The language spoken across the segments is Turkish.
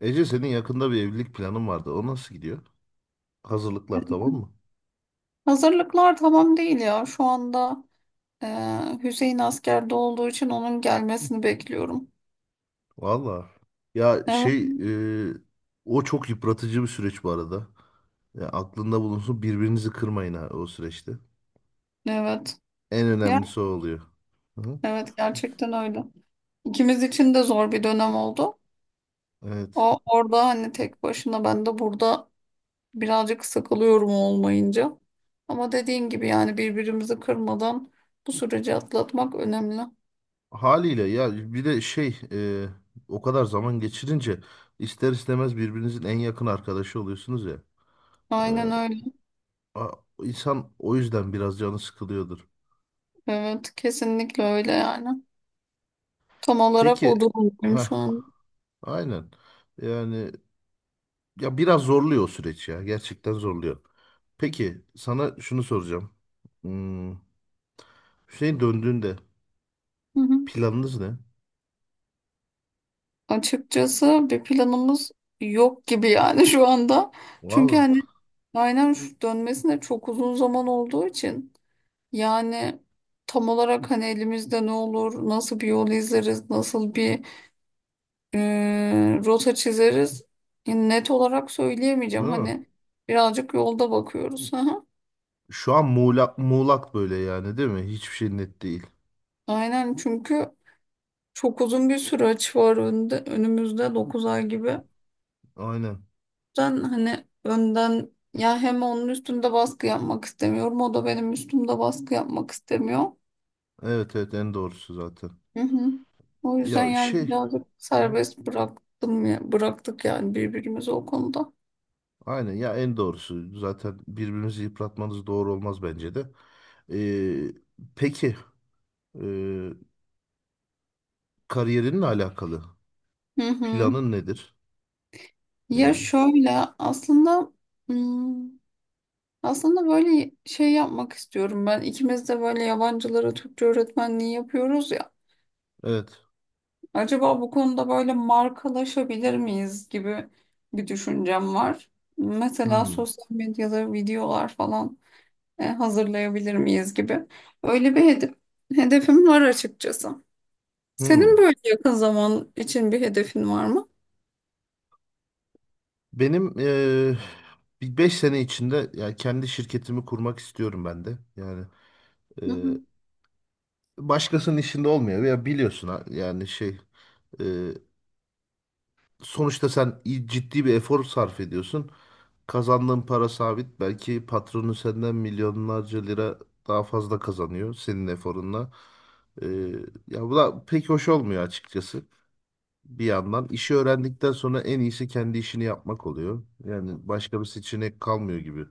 Ece senin yakında bir evlilik planın vardı. O nasıl gidiyor? Hazırlıklar tamam mı? Hazırlıklar tamam değil ya. Şu anda e, Hüseyin askerde olduğu için onun gelmesini bekliyorum. Valla. Ya Evet. şey e, o çok yıpratıcı bir süreç bu arada. Ya aklında bulunsun birbirinizi kırmayın ha o süreçte. Evet. En Ya, önemlisi o oluyor. Hı? evet gerçekten öyle. İkimiz için de zor bir dönem oldu. Evet. O orada hani tek başına ben de burada birazcık sıkılıyorum olmayınca. Ama dediğin gibi yani birbirimizi kırmadan bu süreci atlatmak önemli. Haliyle ya bir de şey o kadar zaman geçirince ister istemez birbirinizin en yakın arkadaşı oluyorsunuz ya. E, Aynen öyle. a- insan o yüzden biraz canı sıkılıyordur. Evet, kesinlikle öyle yani. Tam olarak o Peki, durumdayım ha, şu an. aynen. Yani ya biraz zorluyor o süreç ya. Gerçekten zorluyor. Peki sana şunu soracağım. Hmm, Hüseyin döndüğünde Hı hı. planınız ne? Açıkçası bir planımız yok gibi yani şu anda. Çünkü Valla. hani aynen şu dönmesine çok uzun zaman olduğu için yani tam olarak hani elimizde ne olur, nasıl bir yol izleriz, nasıl bir rota çizeriz yani net olarak söyleyemeyeceğim. Değil mi? Hani birazcık yolda bakıyoruz. Hı hı. Şu an muğlak, muğlak böyle yani değil mi? Hiçbir şey net değil. Aynen çünkü çok uzun bir süreç var önde, önümüzde 9 ay gibi. Aynen. Ben hani önden ya hem onun üstünde baskı yapmak istemiyorum o da benim üstümde baskı yapmak istemiyor. Evet, evet, en doğrusu zaten. Hı hı. O yüzden Ya yani şey. birazcık Hı hı. serbest bıraktım ya, bıraktık yani birbirimizi o konuda. Aynen ya, en doğrusu. Zaten birbirimizi yıpratmanız doğru olmaz bence de. Ee, peki. ee, Kariyerinle alakalı. Hı hı. Planın nedir? Ya Yani şöyle aslında hmm, aslında böyle şey yapmak istiyorum ben. İkimiz de böyle yabancılara Türkçe öğretmenliği yapıyoruz ya. evet. Acaba bu konuda böyle markalaşabilir miyiz gibi bir düşüncem var. Mesela Hmm. sosyal medyada videolar falan hazırlayabilir miyiz gibi. Öyle bir hedefim var açıkçası. Senin Hmm. böyle yakın zaman için bir hedefin var mı? Benim bir 5 sene içinde yani kendi şirketimi kurmak istiyorum ben de. Yani Hı eee, hı. başkasının işinde olmuyor ya, biliyorsun, yani şey eee, sonuçta sen ciddi bir efor sarf ediyorsun. Kazandığın para sabit. Belki patronu senden milyonlarca lira daha fazla kazanıyor senin eforunla. Eee, ya bu da pek hoş olmuyor açıkçası. Bir yandan işi öğrendikten sonra en iyisi kendi işini yapmak oluyor. Yani başka bir seçenek kalmıyor gibi.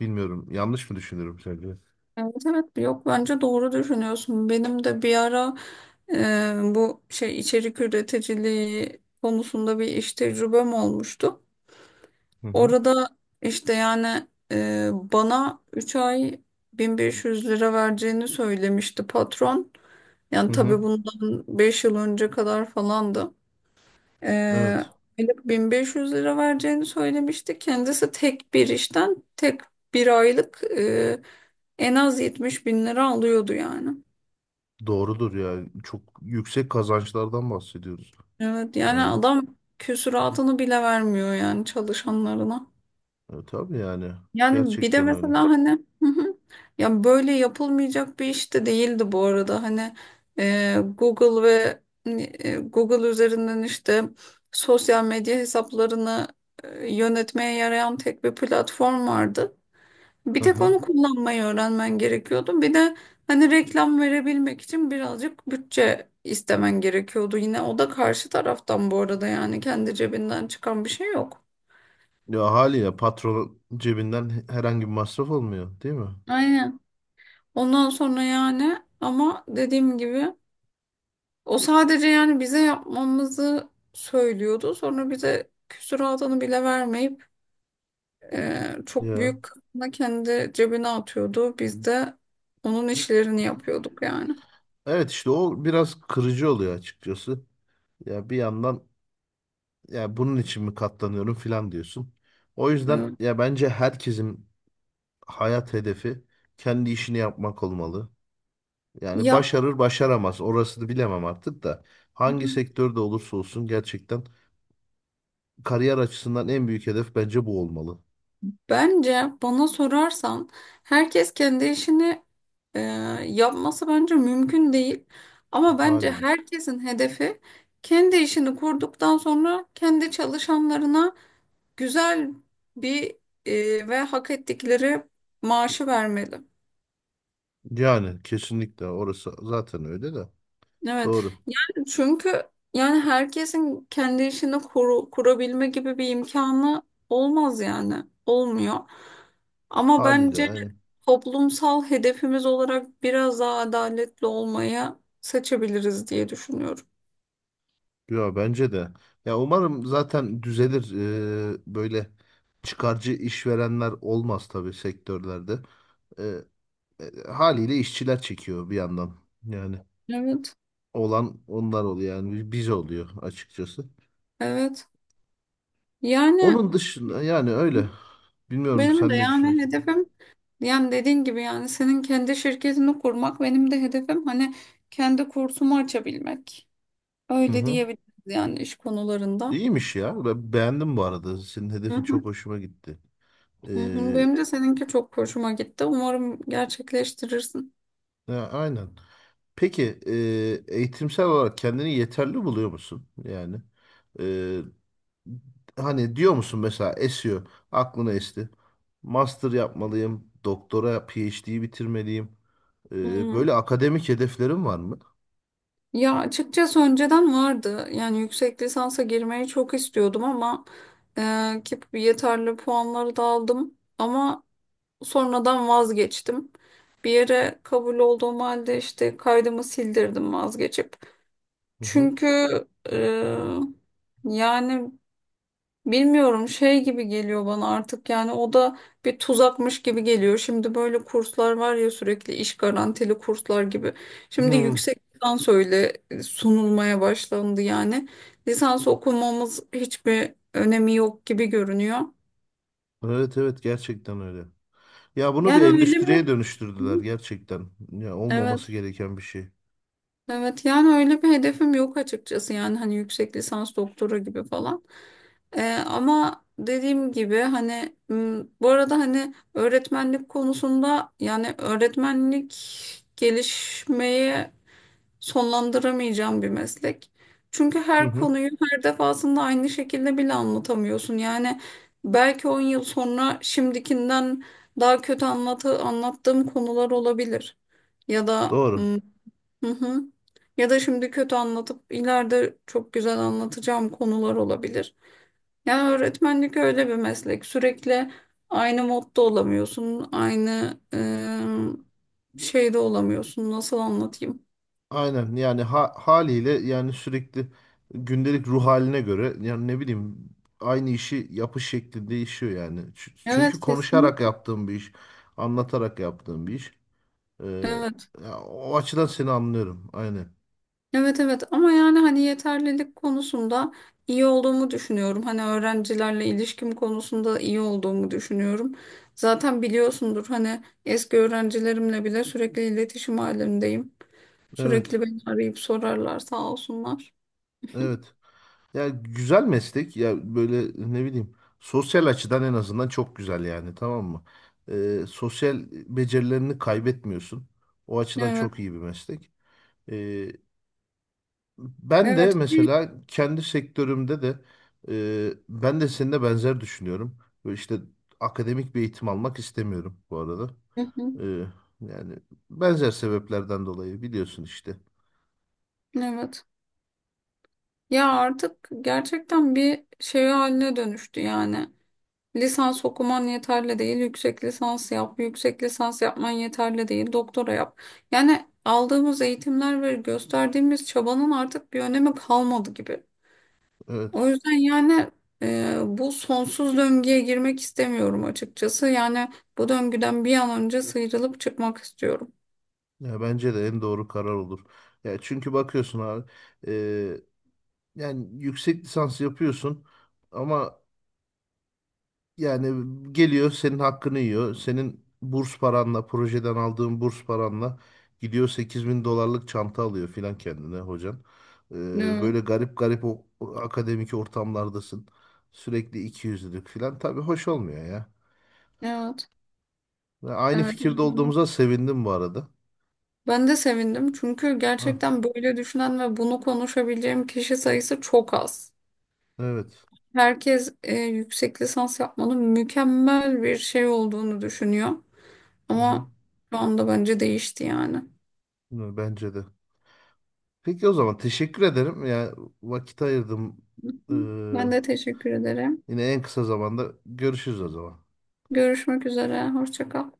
Bilmiyorum. Yanlış mı düşünüyorum sence? Evet, evet, yok bence doğru düşünüyorsun. Benim de bir ara bu şey içerik üreticiliği konusunda bir iş tecrübem olmuştu. Hı hı. Orada işte yani bana 3 ay 1500 lira vereceğini söylemişti patron. Hı Yani hı. tabii bundan 5 yıl önce kadar falandı. E, Evet. aylık 1500 lira vereceğini söylemişti. Kendisi tek bir işten tek bir aylık en az 70 bin lira alıyordu yani. Doğrudur yani. Çok yüksek kazançlardan bahsediyoruz. Evet yani Yani adam küsuratını bile vermiyor yani çalışanlarına. Tabii yani. Yani bir de Gerçekten öyle. mesela hani. Hı hı. Ya böyle yapılmayacak bir iş de değildi bu arada. Hani Google ve hani, e, Google üzerinden işte sosyal medya hesaplarını yönetmeye yarayan tek bir platform vardı. Bir Hı tek hı. onu kullanmayı öğrenmen gerekiyordu. Bir de hani reklam verebilmek için birazcık bütçe istemen gerekiyordu. Yine o da karşı taraftan bu arada yani kendi cebinden çıkan bir şey yok. Ya haliyle patron cebinden herhangi bir masraf olmuyor, değil mi? Aynen. Ondan sonra yani ama dediğim gibi o sadece yani bize yapmamızı söylüyordu. Sonra bize küsuratını bile vermeyip çok Ya. büyük kısmını kendi cebine atıyordu. Biz de onun işlerini yapıyorduk yani. Evet, işte o biraz kırıcı oluyor açıkçası. Ya bir yandan ya bunun için mi katlanıyorum filan diyorsun. O yüzden Evet. ya, bence herkesin hayat hedefi kendi işini yapmak olmalı. Yani Ya başarır başaramaz orasını bilemem artık da hangi sektörde olursa olsun gerçekten kariyer açısından en büyük hedef bence bu olmalı, bence bana sorarsan herkes kendi işini Ee, yapması bence mümkün değil. Ama bence haliyle. herkesin hedefi kendi işini kurduktan sonra kendi çalışanlarına güzel bir ve hak ettikleri maaşı vermeli. Yani kesinlikle orası zaten öyle de Evet. doğru, Yani çünkü yani herkesin kendi işini kurabilme gibi bir imkanı olmaz yani. Olmuyor. Ama haliyle bence yani. toplumsal hedefimiz olarak biraz daha adaletli olmayı seçebiliriz diye düşünüyorum. Ya bence de. Ya umarım zaten düzelir, böyle çıkarcı işverenler olmaz tabii sektörlerde. Haliyle işçiler çekiyor bir yandan. Yani Evet. olan onlar oluyor yani, biz oluyor açıkçası. Evet. Yani Onun dışında yani öyle. Bilmiyorum, benim de sen ne yani düşünüyorsun? hedefim yani dediğin gibi yani senin kendi şirketini kurmak benim de hedefim hani kendi kursumu açabilmek. Hı Öyle hı. diyebiliriz yani iş konularında. İyiymiş ya. Ben beğendim bu arada. Senin Hı hedefin hı. çok hoşuma gitti. Hı hı, Ee, benim de seninki çok hoşuma gitti. Umarım gerçekleştirirsin. ya, aynen. Peki, eğitimsel olarak kendini yeterli buluyor musun? Yani e, hani diyor musun mesela, esiyor. Aklına esti. Master yapmalıyım. Doktora PhD'yi bitirmeliyim. Ee, Hı. böyle akademik hedeflerin var mı? Ya açıkçası önceden vardı. Yani yüksek lisansa girmeyi çok istiyordum ama ki yeterli puanları da aldım. Ama sonradan vazgeçtim. Bir yere kabul olduğum halde işte kaydımı sildirdim vazgeçip. Hı hı. Çünkü e, yani bilmiyorum şey gibi geliyor bana artık yani o da bir tuzakmış gibi geliyor. Şimdi böyle kurslar var ya sürekli iş garantili kurslar gibi. Şimdi Hı. yüksek lisans öyle sunulmaya başlandı yani. Lisans okumamız hiçbir önemi yok gibi görünüyor. Evet, evet, gerçekten öyle. Ya bunu bir Yani öyle endüstriye mi? Hı. dönüştürdüler gerçekten. Ya olmaması Evet. gereken bir şey. Evet yani öyle bir hedefim yok açıkçası yani hani yüksek lisans doktora gibi falan. Ama dediğim gibi hani bu arada hani öğretmenlik konusunda yani öğretmenlik gelişmeyi sonlandıramayacağım bir meslek. Çünkü Hı her hı. konuyu her defasında aynı şekilde bile anlatamıyorsun. Yani belki 10 yıl sonra şimdikinden daha kötü anlattığım konular olabilir. Ya da Doğru. m, Hı hı. Ya da şimdi kötü anlatıp ileride çok güzel anlatacağım konular olabilir. Yani öğretmenlik öyle bir meslek. Sürekli aynı modda olamıyorsun. Aynı şeyde olamıyorsun. Nasıl anlatayım? Aynen yani, haliyle yani sürekli gündelik ruh haline göre yani, ne bileyim, aynı işi yapış şekli değişiyor yani. Çünkü Evet, konuşarak kesinlikle. yaptığım bir iş, anlatarak yaptığım bir iş. Ee, Evet. ya o açıdan seni anlıyorum. Aynen. Evet, evet, ama yani hani yeterlilik konusunda iyi olduğumu düşünüyorum. Hani öğrencilerle ilişkim konusunda iyi olduğumu düşünüyorum. Zaten biliyorsundur hani eski öğrencilerimle bile sürekli iletişim halindeyim. Evet. Sürekli beni arayıp sorarlar, sağ olsunlar. Evet. Ya güzel meslek ya, böyle, ne bileyim, sosyal açıdan en azından çok güzel yani, tamam mı? Sosyal becerilerini kaybetmiyorsun. O açıdan Evet. çok iyi bir meslek. Ee, ben de Evet. mesela kendi sektörümde de ben de seninle benzer düşünüyorum. Böyle işte akademik bir eğitim almak istemiyorum bu arada. Hı hı. Ee, yani benzer sebeplerden dolayı biliyorsun işte. Evet. Ya artık gerçekten bir şey haline dönüştü yani. Lisans okuman yeterli değil, yüksek lisans yap, yüksek lisans yapman yeterli değil, doktora yap. Yani aldığımız eğitimler ve gösterdiğimiz çabanın artık bir önemi kalmadı gibi. Evet. O yüzden yani bu sonsuz döngüye girmek istemiyorum açıkçası. Yani bu döngüden bir an önce sıyrılıp çıkmak istiyorum. Ya bence de en doğru karar olur. Ya çünkü bakıyorsun abi. Yani yüksek lisans yapıyorsun ama yani geliyor senin hakkını yiyor. Senin burs paranla, projeden aldığın burs paranla gidiyor 8.000 dolarlık çanta alıyor filan kendine hocan. Ee, Evet. böyle garip garip o akademik ortamlardasın. Sürekli ikiyüzlülük filan. Tabii hoş olmuyor ya. Evet, Ve aynı evet. fikirde olduğumuza sevindim bu arada. Ben de sevindim çünkü Hı, gerçekten böyle düşünen ve bunu konuşabileceğim kişi sayısı çok az. evet. Herkes yüksek lisans yapmanın mükemmel bir şey olduğunu düşünüyor. Hı hı. Ama şu anda bence değişti yani. Bence de. Peki, o zaman teşekkür ederim. Yani vakit ayırdım. Ee, Ben de teşekkür ederim. Yine en kısa zamanda görüşürüz o zaman. Görüşmek üzere. Hoşça kal.